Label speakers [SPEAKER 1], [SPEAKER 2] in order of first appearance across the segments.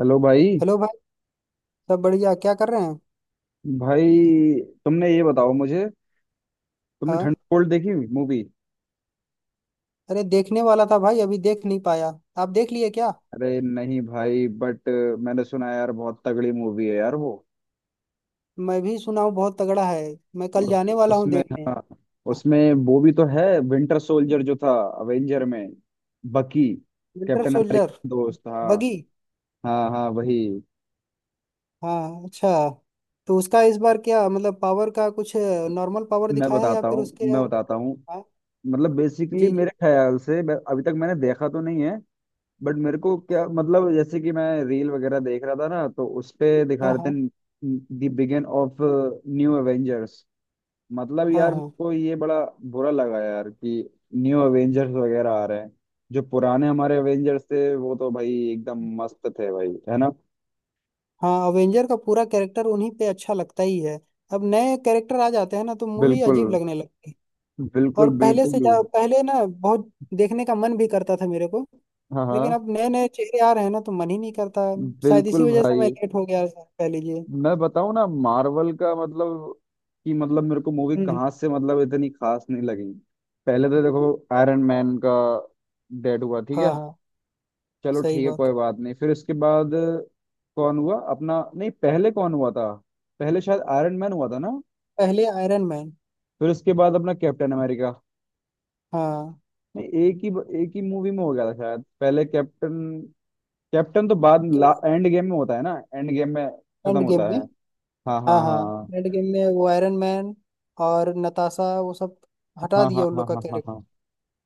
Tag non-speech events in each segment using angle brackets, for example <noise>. [SPEAKER 1] Hello भाई।
[SPEAKER 2] Hello भाई। सब बढ़िया क्या कर रहे हैं।
[SPEAKER 1] भाई तुमने ये बताओ मुझे, तुमने
[SPEAKER 2] हाँ,
[SPEAKER 1] थंडरबोल्ट देखी मूवी?
[SPEAKER 2] अरे देखने वाला था भाई, अभी देख नहीं पाया। आप देख लिए क्या।
[SPEAKER 1] अरे नहीं भाई बट मैंने सुना है यार बहुत तगड़ी मूवी है यार वो।
[SPEAKER 2] मैं भी सुना हूँ बहुत तगड़ा है। मैं कल
[SPEAKER 1] उस
[SPEAKER 2] जाने वाला हूँ
[SPEAKER 1] उसमें
[SPEAKER 2] देखने।
[SPEAKER 1] हाँ, उसमें वो भी तो है, विंटर सोल्जर जो था अवेंजर में, Bucky,
[SPEAKER 2] winter
[SPEAKER 1] captain
[SPEAKER 2] soldier.
[SPEAKER 1] America दोस्त। हाँ
[SPEAKER 2] बगी।
[SPEAKER 1] हाँ हाँ वही।
[SPEAKER 2] हाँ, अच्छा। तो उसका इस बार क्या मतलब पावर का कुछ नॉर्मल पावर
[SPEAKER 1] मैं
[SPEAKER 2] दिखाया है या
[SPEAKER 1] बताता
[SPEAKER 2] फिर
[SPEAKER 1] हूँ
[SPEAKER 2] उसके।
[SPEAKER 1] मैं बताता हूँ,
[SPEAKER 2] हाँ,
[SPEAKER 1] मतलब बेसिकली
[SPEAKER 2] जी जी।
[SPEAKER 1] मेरे ख्याल से अभी तक मैंने देखा तो नहीं है बट मेरे को क्या मतलब, जैसे कि मैं रील वगैरह देख रहा था ना तो उस पे दिखा
[SPEAKER 2] हाँ
[SPEAKER 1] रहे
[SPEAKER 2] हाँ।
[SPEAKER 1] थे, the begin of new Avengers. मतलब
[SPEAKER 2] हाँ
[SPEAKER 1] यार
[SPEAKER 2] हाँ
[SPEAKER 1] को ये बड़ा बुरा लगा यार कि न्यू एवेंजर्स वगैरह आ रहे हैं। जो पुराने हमारे एवेंजर्स थे वो तो भाई एकदम मस्त थे भाई, है ना?
[SPEAKER 2] हाँ। अवेंजर का पूरा कैरेक्टर उन्हीं पे अच्छा लगता ही है। अब नए कैरेक्टर आ जाते हैं ना तो मूवी
[SPEAKER 1] बिल्कुल
[SPEAKER 2] अजीब लगने लगती है।
[SPEAKER 1] बिल्कुल
[SPEAKER 2] और पहले
[SPEAKER 1] बिल्कुल।
[SPEAKER 2] से जा पहले ना बहुत देखने का मन भी करता था मेरे को।
[SPEAKER 1] हाँ
[SPEAKER 2] लेकिन
[SPEAKER 1] हाँ,
[SPEAKER 2] अब नए नए चेहरे आ रहे हैं ना तो मन ही नहीं करता। शायद इसी
[SPEAKER 1] बिल्कुल
[SPEAKER 2] वजह से मैं
[SPEAKER 1] भाई।
[SPEAKER 2] लेट हो गया सर, कह लीजिए।
[SPEAKER 1] मैं बताऊं ना मार्वल का मतलब, कि मतलब मेरे को मूवी
[SPEAKER 2] हम्म।
[SPEAKER 1] कहाँ से मतलब इतनी खास नहीं लगी। पहले तो देखो आयरन मैन का डेड हुआ, ठीक
[SPEAKER 2] हाँ
[SPEAKER 1] है,
[SPEAKER 2] हाँ,
[SPEAKER 1] चलो
[SPEAKER 2] सही
[SPEAKER 1] ठीक है
[SPEAKER 2] बात।
[SPEAKER 1] कोई बात नहीं। फिर इसके बाद कौन हुआ अपना, नहीं पहले कौन हुआ था? पहले शायद आयरन मैन हुआ था ना,
[SPEAKER 2] पहले आयरन मैन।
[SPEAKER 1] फिर उसके बाद अपना कैप्टन अमेरिका।
[SPEAKER 2] हाँ,
[SPEAKER 1] नहीं एक ही मूवी में हो गया था शायद, पहले कैप्टन कैप्टन तो बाद,
[SPEAKER 2] तो
[SPEAKER 1] एंड गेम में होता है ना, एंड गेम में
[SPEAKER 2] एंड
[SPEAKER 1] खत्म
[SPEAKER 2] गेम
[SPEAKER 1] होता
[SPEAKER 2] में।
[SPEAKER 1] है। हाँ
[SPEAKER 2] हाँ
[SPEAKER 1] हाँ
[SPEAKER 2] हाँ।
[SPEAKER 1] हाँ
[SPEAKER 2] एंड गेम में वो आयरन मैन और नताशा, वो सब हटा
[SPEAKER 1] हाँ हाँ
[SPEAKER 2] दिया उन
[SPEAKER 1] हाँ
[SPEAKER 2] लोग का
[SPEAKER 1] हाँ हाँ हाँ,
[SPEAKER 2] कैरेक्टर।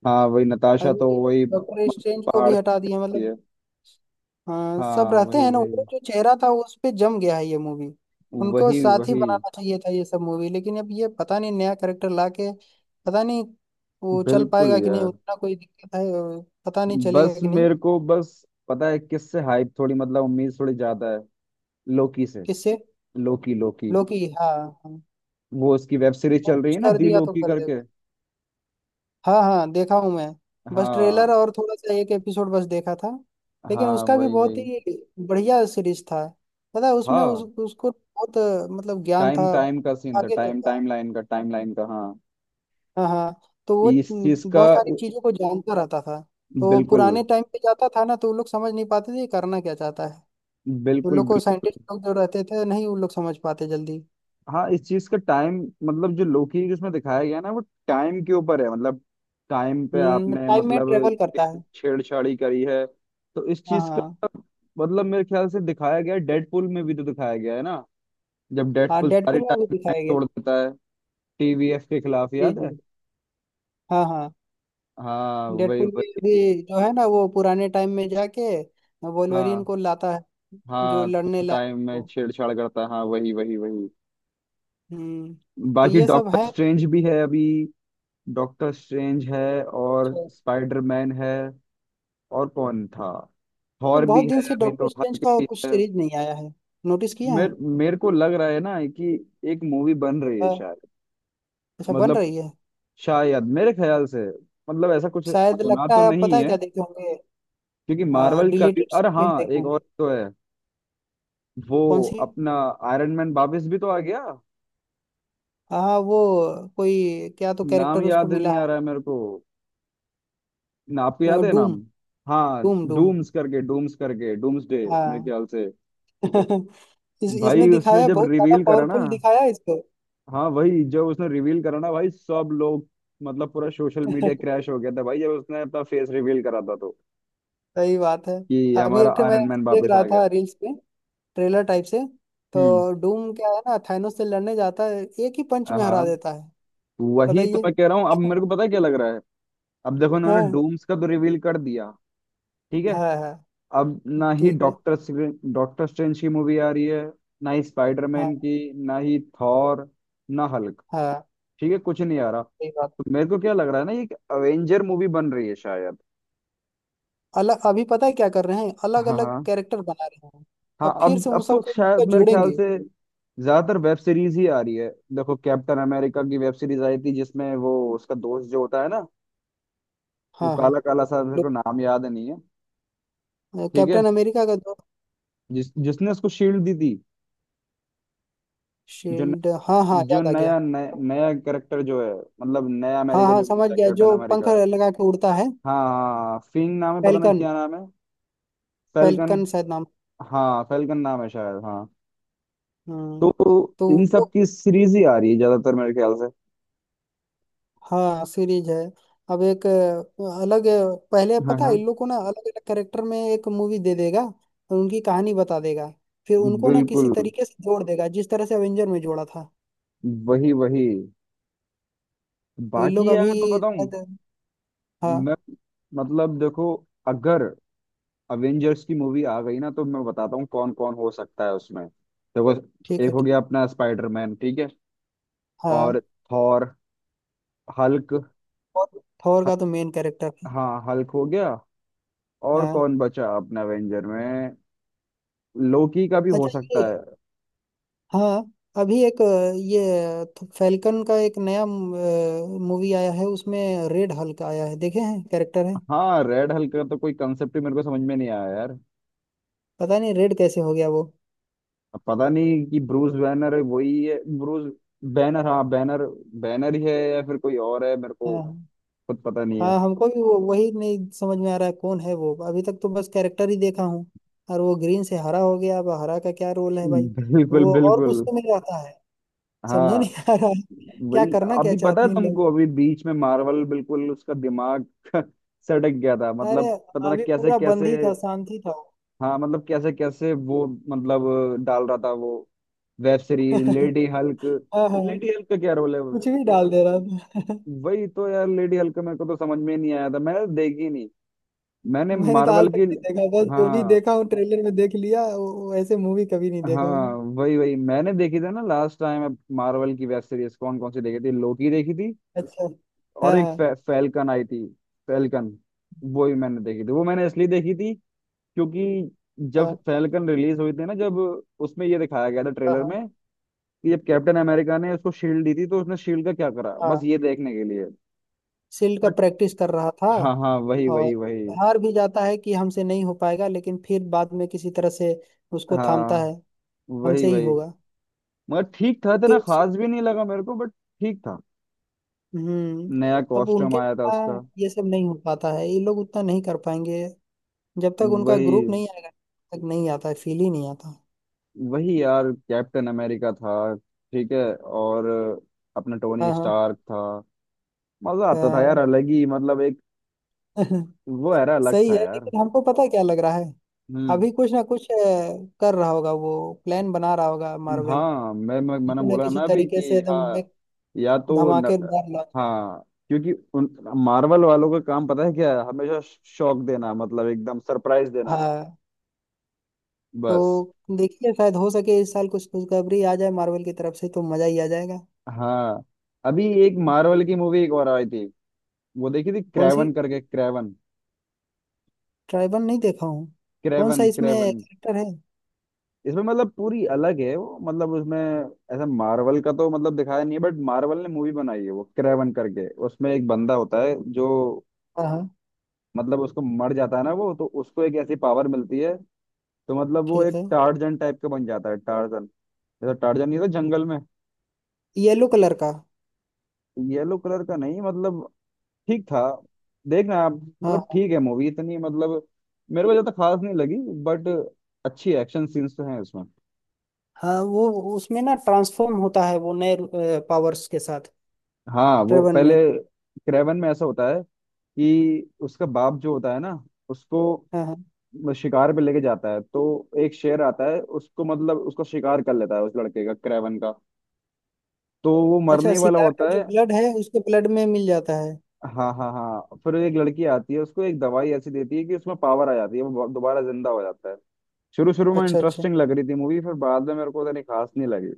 [SPEAKER 1] हाँ वही नताशा तो
[SPEAKER 2] अभी
[SPEAKER 1] वही
[SPEAKER 2] डॉक्टर स्ट्रेंज को
[SPEAKER 1] पहाड़
[SPEAKER 2] भी
[SPEAKER 1] से
[SPEAKER 2] हटा दिया
[SPEAKER 1] आती
[SPEAKER 2] मतलब।
[SPEAKER 1] है।
[SPEAKER 2] हाँ सब
[SPEAKER 1] हाँ
[SPEAKER 2] रहते
[SPEAKER 1] वही
[SPEAKER 2] हैं ना वो
[SPEAKER 1] वही
[SPEAKER 2] जो चेहरा था उस पे जम गया है ये मूवी। उनको
[SPEAKER 1] वही
[SPEAKER 2] साथ ही
[SPEAKER 1] वही।
[SPEAKER 2] बनाना चाहिए था ये सब मूवी, लेकिन अब ये पता नहीं नया करेक्टर ला के पता नहीं वो चल
[SPEAKER 1] बिल्कुल
[SPEAKER 2] पाएगा कि नहीं
[SPEAKER 1] यार,
[SPEAKER 2] उतना, कोई दिक्कत है और पता नहीं
[SPEAKER 1] बस
[SPEAKER 2] चलेगा कि नहीं।
[SPEAKER 1] मेरे को बस पता है किससे हाइप थोड़ी, मतलब उम्मीद थोड़ी ज्यादा है, लोकी से।
[SPEAKER 2] किससे।
[SPEAKER 1] लोकी लोकी।
[SPEAKER 2] लोकी। हाँ हाँ।
[SPEAKER 1] वो उसकी वेब सीरीज
[SPEAKER 2] वो
[SPEAKER 1] चल रही
[SPEAKER 2] कुछ
[SPEAKER 1] है ना,
[SPEAKER 2] कर
[SPEAKER 1] दी
[SPEAKER 2] दिया तो
[SPEAKER 1] लोकी
[SPEAKER 2] कर
[SPEAKER 1] करके।
[SPEAKER 2] देगा। हाँ हाँ देखा हूँ मैं, बस ट्रेलर
[SPEAKER 1] हाँ
[SPEAKER 2] और थोड़ा सा एक एपिसोड बस देखा था। लेकिन
[SPEAKER 1] हाँ
[SPEAKER 2] उसका भी
[SPEAKER 1] वही वही।
[SPEAKER 2] बहुत ही बढ़िया सीरीज था। पता है उसमें उस,
[SPEAKER 1] हाँ,
[SPEAKER 2] उसको बहुत मतलब ज्ञान था,
[SPEAKER 1] टाइम टाइम का सीन था,
[SPEAKER 2] आगे तक
[SPEAKER 1] टाइम
[SPEAKER 2] का।
[SPEAKER 1] टाइम लाइन का, टाइम लाइन का हाँ,
[SPEAKER 2] हाँ हाँ, तो वो
[SPEAKER 1] इस चीज का।
[SPEAKER 2] बहुत सारी चीजों को जानता रहता था। तो
[SPEAKER 1] बिल्कुल
[SPEAKER 2] पुराने टाइम पे जाता था ना तो वो लोग समझ नहीं पाते थे ये करना क्या चाहता है। वो
[SPEAKER 1] बिल्कुल।
[SPEAKER 2] लोग को साइंटिस्ट लोग जो रहते थे नहीं वो लोग समझ पाते जल्दी।
[SPEAKER 1] हाँ इस चीज का टाइम, मतलब जो लोकी जिसमें दिखाया गया ना वो टाइम के ऊपर है, मतलब टाइम पे
[SPEAKER 2] हम्म,
[SPEAKER 1] आपने
[SPEAKER 2] टाइम में
[SPEAKER 1] मतलब
[SPEAKER 2] ट्रेवल करता है।
[SPEAKER 1] छेड़छाड़ी करी है। तो इस
[SPEAKER 2] हाँ
[SPEAKER 1] चीज
[SPEAKER 2] हाँ
[SPEAKER 1] का मतलब मेरे ख्याल से दिखाया गया है, डेडपुल में भी तो दिखाया गया है ना, जब
[SPEAKER 2] हाँ,
[SPEAKER 1] डेडपुल सारी
[SPEAKER 2] डेडपुल में भी
[SPEAKER 1] टाइम
[SPEAKER 2] दिखाया गया।
[SPEAKER 1] तोड़ देता है टीवीएफ के खिलाफ,
[SPEAKER 2] जी
[SPEAKER 1] याद है?
[SPEAKER 2] जी। हाँ हाँ,
[SPEAKER 1] हाँ वही
[SPEAKER 2] डेडपुल में
[SPEAKER 1] वही।
[SPEAKER 2] भी जो है ना वो पुराने टाइम में जाके
[SPEAKER 1] हाँ
[SPEAKER 2] वोल्वरिन को लाता है, जो
[SPEAKER 1] हाँ
[SPEAKER 2] लड़ने
[SPEAKER 1] तो
[SPEAKER 2] लायक
[SPEAKER 1] टाइम में
[SPEAKER 2] हो।
[SPEAKER 1] छेड़छाड़ करता है, हाँ वही वही वही।
[SPEAKER 2] हम्म। तो
[SPEAKER 1] बाकी
[SPEAKER 2] ये सब है।
[SPEAKER 1] डॉक्टर स्ट्रेंज भी है अभी, डॉक्टर स्ट्रेंज है और
[SPEAKER 2] अच्छा।
[SPEAKER 1] स्पाइडरमैन है, और कौन था,
[SPEAKER 2] ये
[SPEAKER 1] थॉर
[SPEAKER 2] बहुत
[SPEAKER 1] भी
[SPEAKER 2] दिन
[SPEAKER 1] है
[SPEAKER 2] से
[SPEAKER 1] अभी तो,
[SPEAKER 2] डॉक्टर स्ट्रेंज
[SPEAKER 1] हल्क
[SPEAKER 2] का
[SPEAKER 1] भी
[SPEAKER 2] कुछ
[SPEAKER 1] है।
[SPEAKER 2] सीरीज नहीं आया है, नोटिस किया है।
[SPEAKER 1] मेरे मेरे को लग रहा है ना कि एक मूवी बन रही है
[SPEAKER 2] हाँ,
[SPEAKER 1] शायद,
[SPEAKER 2] अच्छा बन
[SPEAKER 1] मतलब
[SPEAKER 2] रही है।
[SPEAKER 1] शायद मेरे ख्याल से, मतलब ऐसा कुछ
[SPEAKER 2] शायद
[SPEAKER 1] सुना
[SPEAKER 2] लगता
[SPEAKER 1] तो
[SPEAKER 2] है आप
[SPEAKER 1] नहीं
[SPEAKER 2] पता है
[SPEAKER 1] है,
[SPEAKER 2] क्या देखे होंगे,
[SPEAKER 1] क्योंकि मार्वल का भी,
[SPEAKER 2] डिलीटेड
[SPEAKER 1] अरे
[SPEAKER 2] सीन
[SPEAKER 1] हाँ
[SPEAKER 2] देखे
[SPEAKER 1] एक और
[SPEAKER 2] होंगे।
[SPEAKER 1] तो है वो
[SPEAKER 2] कौन सी।
[SPEAKER 1] अपना, आयरन मैन वापस भी तो आ गया।
[SPEAKER 2] हाँ वो, कोई क्या तो
[SPEAKER 1] नाम
[SPEAKER 2] कैरेक्टर उसको
[SPEAKER 1] याद
[SPEAKER 2] मिला
[SPEAKER 1] नहीं आ रहा है मेरे को ना, आपको
[SPEAKER 2] है।
[SPEAKER 1] याद है
[SPEAKER 2] डूम।
[SPEAKER 1] नाम? हाँ
[SPEAKER 2] डूम डूम।
[SPEAKER 1] डूम्स करके, डूम्स करके, डूम्स डे मेरे
[SPEAKER 2] हाँ।
[SPEAKER 1] ख्याल से।
[SPEAKER 2] <laughs> इसमें
[SPEAKER 1] भाई उसने
[SPEAKER 2] दिखाया है,
[SPEAKER 1] जब
[SPEAKER 2] बहुत ज्यादा
[SPEAKER 1] रिवील करा ना,
[SPEAKER 2] पावरफुल दिखाया है इसको।
[SPEAKER 1] हाँ वही, जब उसने रिवील करा ना भाई सब लोग, मतलब पूरा सोशल मीडिया
[SPEAKER 2] <laughs>
[SPEAKER 1] क्रैश हो गया था भाई, जब उसने अपना फेस रिवील करा था तो,
[SPEAKER 2] सही बात है।
[SPEAKER 1] कि
[SPEAKER 2] अभी
[SPEAKER 1] हमारा
[SPEAKER 2] एक ठे मैं
[SPEAKER 1] आयरन मैन
[SPEAKER 2] देख
[SPEAKER 1] वापस
[SPEAKER 2] रहा
[SPEAKER 1] आ गया।
[SPEAKER 2] था रील्स में, ट्रेलर टाइप से।
[SPEAKER 1] हम्म।
[SPEAKER 2] तो डूम क्या है ना थानोस से लड़ने जाता है, एक ही पंच में
[SPEAKER 1] हाँ
[SPEAKER 2] हरा देता है।
[SPEAKER 1] वही तो
[SPEAKER 2] बताइए।
[SPEAKER 1] मैं कह रहा हूँ, अब
[SPEAKER 2] <laughs>
[SPEAKER 1] मेरे को पता है क्या लग रहा है, अब देखो उन्होंने
[SPEAKER 2] हाँ
[SPEAKER 1] डूम्स का तो रिवील कर दिया, ठीक है।
[SPEAKER 2] हाँ हाँ।
[SPEAKER 1] अब ना ही
[SPEAKER 2] ठीक है।
[SPEAKER 1] डॉक्टर डॉक्टर स्ट्रेंज की मूवी आ रही है, ना ही स्पाइडरमैन
[SPEAKER 2] हाँ
[SPEAKER 1] की, ना ही थॉर, ना हल्क,
[SPEAKER 2] हाँ,
[SPEAKER 1] ठीक है कुछ नहीं आ रहा।
[SPEAKER 2] सही बात।
[SPEAKER 1] तो मेरे को क्या लग रहा है ना, ये एक अवेंजर मूवी बन रही है शायद।
[SPEAKER 2] अलग, अभी पता है क्या कर रहे हैं, अलग
[SPEAKER 1] हाँ
[SPEAKER 2] अलग
[SPEAKER 1] हाँ
[SPEAKER 2] कैरेक्टर बना रहे हैं।
[SPEAKER 1] हाँ,
[SPEAKER 2] अब फिर
[SPEAKER 1] अब
[SPEAKER 2] से उन
[SPEAKER 1] अब तो
[SPEAKER 2] सबको
[SPEAKER 1] शायद
[SPEAKER 2] इनका
[SPEAKER 1] मेरे ख्याल
[SPEAKER 2] जोड़ेंगे।
[SPEAKER 1] से ज्यादातर वेब सीरीज ही आ रही है। देखो कैप्टन अमेरिका की वेब सीरीज आई थी जिसमें वो उसका दोस्त जो होता है ना, वो
[SPEAKER 2] हाँ हाँ।
[SPEAKER 1] काला काला सा, मेरे
[SPEAKER 2] लो,
[SPEAKER 1] को नाम याद नहीं है, ठीक है,
[SPEAKER 2] कैप्टन अमेरिका का जो
[SPEAKER 1] जिसने उसको शील्ड दी थी, जो न,
[SPEAKER 2] शील्ड, हाँ हाँ
[SPEAKER 1] जो
[SPEAKER 2] याद आ गया।
[SPEAKER 1] नया नया, नया कैरेक्टर जो है, मतलब नया
[SPEAKER 2] हाँ
[SPEAKER 1] अमेरिका
[SPEAKER 2] हाँ
[SPEAKER 1] जो बन
[SPEAKER 2] समझ
[SPEAKER 1] गया
[SPEAKER 2] गया,
[SPEAKER 1] कैप्टन
[SPEAKER 2] जो पंख
[SPEAKER 1] अमेरिका।
[SPEAKER 2] लगा के उड़ता है।
[SPEAKER 1] हाँ हाँ फिंग नाम है, पता नहीं
[SPEAKER 2] फैल्कन।
[SPEAKER 1] क्या नाम है। फेल्कन।
[SPEAKER 2] फैल्कन शायद नाम।
[SPEAKER 1] हाँ फेल्कन नाम है शायद, हाँ।
[SPEAKER 2] हम्म।
[SPEAKER 1] तो
[SPEAKER 2] तो
[SPEAKER 1] इन सब
[SPEAKER 2] वो,
[SPEAKER 1] की सीरीज ही आ रही है ज्यादातर मेरे ख्याल से।
[SPEAKER 2] हाँ सीरीज है। अब एक अलग पहले
[SPEAKER 1] हाँ
[SPEAKER 2] पता है
[SPEAKER 1] हाँ,
[SPEAKER 2] इन लोग को ना अलग अलग कैरेक्टर में एक मूवी दे देगा और उनकी कहानी बता देगा, फिर उनको ना किसी
[SPEAKER 1] बिल्कुल
[SPEAKER 2] तरीके से जोड़ देगा जिस तरह से अवेंजर में जोड़ा था।
[SPEAKER 1] वही वही।
[SPEAKER 2] तो इन लोग
[SPEAKER 1] बाकी
[SPEAKER 2] अभी
[SPEAKER 1] यार मैं बताऊं,
[SPEAKER 2] शायद- हाँ।
[SPEAKER 1] मैं मतलब देखो, अगर अवेंजर्स की मूवी आ गई ना तो मैं बताता हूँ कौन कौन हो सकता है उसमें, देखो
[SPEAKER 2] ठीक
[SPEAKER 1] एक
[SPEAKER 2] है
[SPEAKER 1] हो गया अपना स्पाइडरमैन, ठीक है,
[SPEAKER 2] हाँ।
[SPEAKER 1] और थॉर, हल्क।
[SPEAKER 2] और थॉर का तो मेन कैरेक्टर है।
[SPEAKER 1] हाँ हल्क हो गया, और
[SPEAKER 2] हाँ,
[SPEAKER 1] कौन बचा अपना अवेंजर में, लोकी का भी हो
[SPEAKER 2] अच्छा ये।
[SPEAKER 1] सकता है।
[SPEAKER 2] हाँ, अभी एक ये फैल्कन का एक नया मूवी आया है उसमें रेड हल्क आया है, देखे हैं कैरेक्टर है।
[SPEAKER 1] हाँ रेड हल्क का तो कोई कंसेप्ट ही मेरे को समझ में नहीं आया यार,
[SPEAKER 2] पता नहीं रेड कैसे हो गया वो।
[SPEAKER 1] अब पता नहीं कि ब्रूस बैनर है, वही है ब्रूस बैनर, हाँ बैनर, बैनर ही है या फिर कोई और है, मेरे को
[SPEAKER 2] हाँ
[SPEAKER 1] खुद पता नहीं है।
[SPEAKER 2] हाँ, हमको भी वो वही नहीं समझ में आ रहा है कौन है वो, अभी तक तो बस कैरेक्टर ही देखा हूँ। और वो ग्रीन से हरा हो गया, अब हरा का क्या रोल है भाई।
[SPEAKER 1] बिल्कुल
[SPEAKER 2] वो और
[SPEAKER 1] बिल्कुल।
[SPEAKER 2] गुस्से में रहता है, समझा
[SPEAKER 1] हाँ
[SPEAKER 2] नहीं आ रहा है क्या
[SPEAKER 1] वही,
[SPEAKER 2] करना क्या
[SPEAKER 1] अभी पता
[SPEAKER 2] चाहते
[SPEAKER 1] है
[SPEAKER 2] हैं इन
[SPEAKER 1] तुमको,
[SPEAKER 2] लोग।
[SPEAKER 1] अभी बीच में मार्वल बिल्कुल उसका दिमाग <laughs> सटक गया था
[SPEAKER 2] अरे
[SPEAKER 1] मतलब, पता ना
[SPEAKER 2] अभी
[SPEAKER 1] कैसे
[SPEAKER 2] पूरा बंद
[SPEAKER 1] कैसे।
[SPEAKER 2] ही था, शांति था वो।
[SPEAKER 1] हाँ मतलब कैसे कैसे वो, मतलब डाल रहा था वो वेब सीरीज,
[SPEAKER 2] <laughs>
[SPEAKER 1] लेडी हल्क,
[SPEAKER 2] हाँ हाँ।
[SPEAKER 1] लेडी हल्क का क्या रोल है वो?
[SPEAKER 2] कुछ भी डाल दे रहा था। <laughs>
[SPEAKER 1] वही तो यार लेडी हल्क मेरे को तो समझ में नहीं आया था, मैंने देखी नहीं। मैंने
[SPEAKER 2] मैंने तो आज
[SPEAKER 1] मार्वल
[SPEAKER 2] तक
[SPEAKER 1] की,
[SPEAKER 2] नहीं देखा, बस जो भी
[SPEAKER 1] हाँ
[SPEAKER 2] देखा हूँ ट्रेलर में देख लिया, वो ऐसे मूवी कभी नहीं देखा
[SPEAKER 1] हाँ
[SPEAKER 2] हूँ।
[SPEAKER 1] वही वही, मैंने देखी थी ना लास्ट टाइम मार्वल की वेब सीरीज, कौन कौन सी देखी थी, लोकी देखी थी,
[SPEAKER 2] अच्छा।
[SPEAKER 1] और
[SPEAKER 2] हाँ
[SPEAKER 1] एक
[SPEAKER 2] हाँ
[SPEAKER 1] फैल्कन आई थी, फैल्कन, वो भी मैंने देखी थी। वो मैंने इसलिए देखी थी क्योंकि जब
[SPEAKER 2] हाँ
[SPEAKER 1] फैल्कन रिलीज हुई थी ना, जब उसमें ये दिखाया गया था
[SPEAKER 2] हाँ
[SPEAKER 1] ट्रेलर
[SPEAKER 2] हाँ
[SPEAKER 1] में कि जब कैप्टन अमेरिका ने उसको शील्ड दी थी, तो उसने शील्ड का क्या करा,
[SPEAKER 2] हाँ।
[SPEAKER 1] बस ये देखने के लिए।
[SPEAKER 2] शील्ड का
[SPEAKER 1] बट
[SPEAKER 2] प्रैक्टिस कर रहा था,
[SPEAKER 1] हाँ हाँ वही
[SPEAKER 2] और
[SPEAKER 1] वही वही।
[SPEAKER 2] हार भी जाता है कि हमसे नहीं हो पाएगा, लेकिन फिर बाद में किसी तरह से उसको थामता है,
[SPEAKER 1] हाँ वही
[SPEAKER 2] हमसे ही
[SPEAKER 1] वही,
[SPEAKER 2] होगा।
[SPEAKER 1] मगर ठीक था, इतना
[SPEAKER 2] फिर।
[SPEAKER 1] खास भी नहीं लगा मेरे को बट, ठीक था,
[SPEAKER 2] हम्म।
[SPEAKER 1] नया
[SPEAKER 2] अब
[SPEAKER 1] कॉस्ट्यूम
[SPEAKER 2] उनके
[SPEAKER 1] आया था
[SPEAKER 2] बिना
[SPEAKER 1] उसका।
[SPEAKER 2] ये सब नहीं हो पाता है, ये लोग उतना नहीं कर पाएंगे, जब तक उनका ग्रुप
[SPEAKER 1] वही
[SPEAKER 2] नहीं आएगा तब तक नहीं आता है, फील ही नहीं आता।
[SPEAKER 1] वही यार कैप्टन अमेरिका था, ठीक है, और अपना टोनी
[SPEAKER 2] हाँ हाँ
[SPEAKER 1] स्टार्क था। मजा आता था यार
[SPEAKER 2] हाँ।
[SPEAKER 1] अलग ही, मतलब एक
[SPEAKER 2] <laughs>
[SPEAKER 1] वो era अलग
[SPEAKER 2] सही
[SPEAKER 1] था
[SPEAKER 2] है,
[SPEAKER 1] यार।
[SPEAKER 2] लेकिन हमको पता है क्या लग रहा है।
[SPEAKER 1] हम्म,
[SPEAKER 2] अभी कुछ ना कुछ कर रहा होगा, वो प्लान बना रहा होगा मार्वल,
[SPEAKER 1] हाँ मैंने
[SPEAKER 2] किसी ना
[SPEAKER 1] बोला
[SPEAKER 2] किसी
[SPEAKER 1] ना अभी
[SPEAKER 2] तरीके से
[SPEAKER 1] कि,
[SPEAKER 2] एकदम
[SPEAKER 1] हाँ,
[SPEAKER 2] एक
[SPEAKER 1] या तो न,
[SPEAKER 2] धमाकेदार लॉन्चिंग।
[SPEAKER 1] हाँ क्योंकि उन मार्वल वालों का काम पता है क्या है हमेशा, शॉक देना, मतलब एकदम सरप्राइज देना
[SPEAKER 2] हाँ, तो
[SPEAKER 1] बस।
[SPEAKER 2] देखिए शायद हो सके इस साल कुछ खुशखबरी आ जाए मार्वल की तरफ से तो मजा ही आ जाएगा।
[SPEAKER 1] हाँ अभी एक मार्वल की मूवी एक और आई थी, वो देखी थी,
[SPEAKER 2] कौन सी।
[SPEAKER 1] क्रेवन करके। क्रेवन।
[SPEAKER 2] ट्राइबल नहीं देखा हूँ। कौन सा
[SPEAKER 1] क्रेवन
[SPEAKER 2] इसमें
[SPEAKER 1] क्रेवन।
[SPEAKER 2] कैरेक्टर है।
[SPEAKER 1] इसमें मतलब पूरी अलग है वो, मतलब उसमें ऐसा मार्वल का तो मतलब दिखाया नहीं है, बट मार्वल ने मूवी बनाई है वो क्रेवन करके, उसमें एक बंदा होता है जो,
[SPEAKER 2] हाँ हाँ
[SPEAKER 1] मतलब उसको मर जाता है ना वो, तो उसको एक ऐसी पावर मिलती है, तो मतलब वो
[SPEAKER 2] ठीक
[SPEAKER 1] एक
[SPEAKER 2] है।
[SPEAKER 1] टार्जन टाइप का बन जाता है। टार्जन जैसा, टार्जन नहीं था जंगल में,
[SPEAKER 2] येलो कलर का।
[SPEAKER 1] येलो कलर का, नहीं मतलब ठीक था। देखना आप, मतलब
[SPEAKER 2] हाँ
[SPEAKER 1] ठीक है, मूवी इतनी मतलब मेरे को ज्यादा खास नहीं लगी, बट अच्छी एक्शन सीन्स तो हैं इसमें।
[SPEAKER 2] हाँ। वो उसमें ना ट्रांसफॉर्म होता है वो नए पावर्स के साथ
[SPEAKER 1] हाँ वो
[SPEAKER 2] ड्रेवन
[SPEAKER 1] पहले
[SPEAKER 2] में।
[SPEAKER 1] क्रेवन में ऐसा होता है कि उसका बाप जो होता है ना,
[SPEAKER 2] हाँ
[SPEAKER 1] उसको
[SPEAKER 2] हाँ।
[SPEAKER 1] शिकार पे लेके जाता है, तो एक शेर आता है, उसको मतलब उसको शिकार कर लेता है, उस लड़के का, क्रेवन का, तो वो मरने
[SPEAKER 2] अच्छा,
[SPEAKER 1] ही वाला
[SPEAKER 2] सिगार का
[SPEAKER 1] होता
[SPEAKER 2] जो
[SPEAKER 1] है।
[SPEAKER 2] ब्लड है उसके ब्लड में मिल जाता है।
[SPEAKER 1] हाँ हाँ हाँ, फिर एक लड़की आती है, उसको एक दवाई ऐसी देती है कि उसमें पावर आ जाती है, वो दोबारा जिंदा हो जाता है। शुरू शुरू में
[SPEAKER 2] अच्छा अच्छा।
[SPEAKER 1] इंटरेस्टिंग लग रही थी मूवी, फिर बाद में मेरे को उतनी खास नहीं लगी।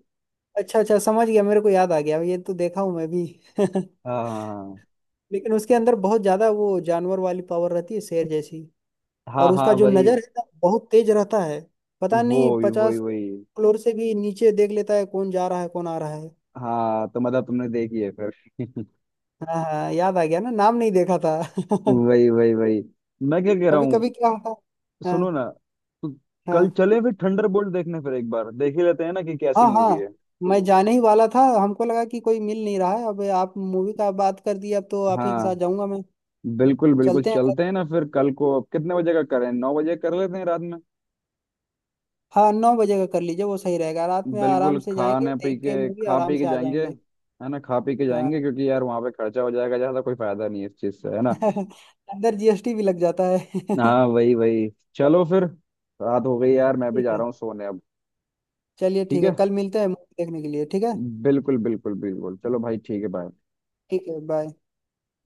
[SPEAKER 2] अच्छा अच्छा समझ गया, मेरे को याद आ गया ये तो देखा हूँ मैं भी। <laughs>
[SPEAKER 1] हाँ
[SPEAKER 2] लेकिन उसके अंदर बहुत ज्यादा वो जानवर वाली पावर रहती है, शेर जैसी।
[SPEAKER 1] हाँ
[SPEAKER 2] और उसका
[SPEAKER 1] हाँ
[SPEAKER 2] जो
[SPEAKER 1] वही
[SPEAKER 2] नजर है ना बहुत तेज रहता है, पता
[SPEAKER 1] वो
[SPEAKER 2] नहीं
[SPEAKER 1] वही वही
[SPEAKER 2] 50
[SPEAKER 1] वही।
[SPEAKER 2] फ्लोर से भी नीचे देख लेता है, कौन जा रहा है कौन आ रहा है।
[SPEAKER 1] हाँ तो मतलब तुमने देखी है फिर <laughs>
[SPEAKER 2] हाँ हाँ याद आ गया ना, नाम नहीं देखा था। <laughs>
[SPEAKER 1] वही वही वही। मैं क्या कह रहा
[SPEAKER 2] कभी
[SPEAKER 1] हूँ,
[SPEAKER 2] कभी क्या होता है।
[SPEAKER 1] सुनो
[SPEAKER 2] हाँ
[SPEAKER 1] ना, तो कल
[SPEAKER 2] हाँ
[SPEAKER 1] चले फिर थंडरबोल्ट देखने, फिर एक बार देख ही लेते हैं ना कि कैसी
[SPEAKER 2] हाँ हाँ।
[SPEAKER 1] मूवी है।
[SPEAKER 2] मैं जाने ही वाला था, हमको लगा कि कोई मिल नहीं रहा है, अब आप मूवी का बात कर दी, अब तो आप ही के
[SPEAKER 1] हाँ
[SPEAKER 2] साथ जाऊंगा मैं।
[SPEAKER 1] बिल्कुल बिल्कुल,
[SPEAKER 2] चलते हैं कल।
[SPEAKER 1] चलते हैं ना फिर कल को, अब कितने बजे का करें, 9 बजे कर लेते हैं रात में।
[SPEAKER 2] हाँ, 9 बजे का कर लीजिए, वो सही रहेगा, रात में आराम
[SPEAKER 1] बिल्कुल,
[SPEAKER 2] से जाएंगे
[SPEAKER 1] खाने पी
[SPEAKER 2] देख के
[SPEAKER 1] के,
[SPEAKER 2] मूवी
[SPEAKER 1] खा
[SPEAKER 2] आराम
[SPEAKER 1] पी के
[SPEAKER 2] से आ
[SPEAKER 1] जाएंगे
[SPEAKER 2] जाएंगे।
[SPEAKER 1] है ना, खा पी के
[SPEAKER 2] हाँ।
[SPEAKER 1] जाएंगे क्योंकि यार वहां पे खर्चा हो जाएगा ज्यादा, कोई फायदा नहीं है इस चीज से, है ना।
[SPEAKER 2] <laughs> अंदर जीएसटी भी लग जाता है। <laughs>
[SPEAKER 1] हाँ वही वही। चलो फिर, रात हो गई यार, मैं भी
[SPEAKER 2] ठीक
[SPEAKER 1] जा
[SPEAKER 2] है।
[SPEAKER 1] रहा हूँ सोने अब।
[SPEAKER 2] चलिए
[SPEAKER 1] ठीक
[SPEAKER 2] ठीक है
[SPEAKER 1] है,
[SPEAKER 2] कल मिलते हैं मूवी देखने के लिए ठीक है।
[SPEAKER 1] बिल्कुल बिल्कुल बिल्कुल, चलो भाई ठीक है, बाय।
[SPEAKER 2] ठीक है, बाय।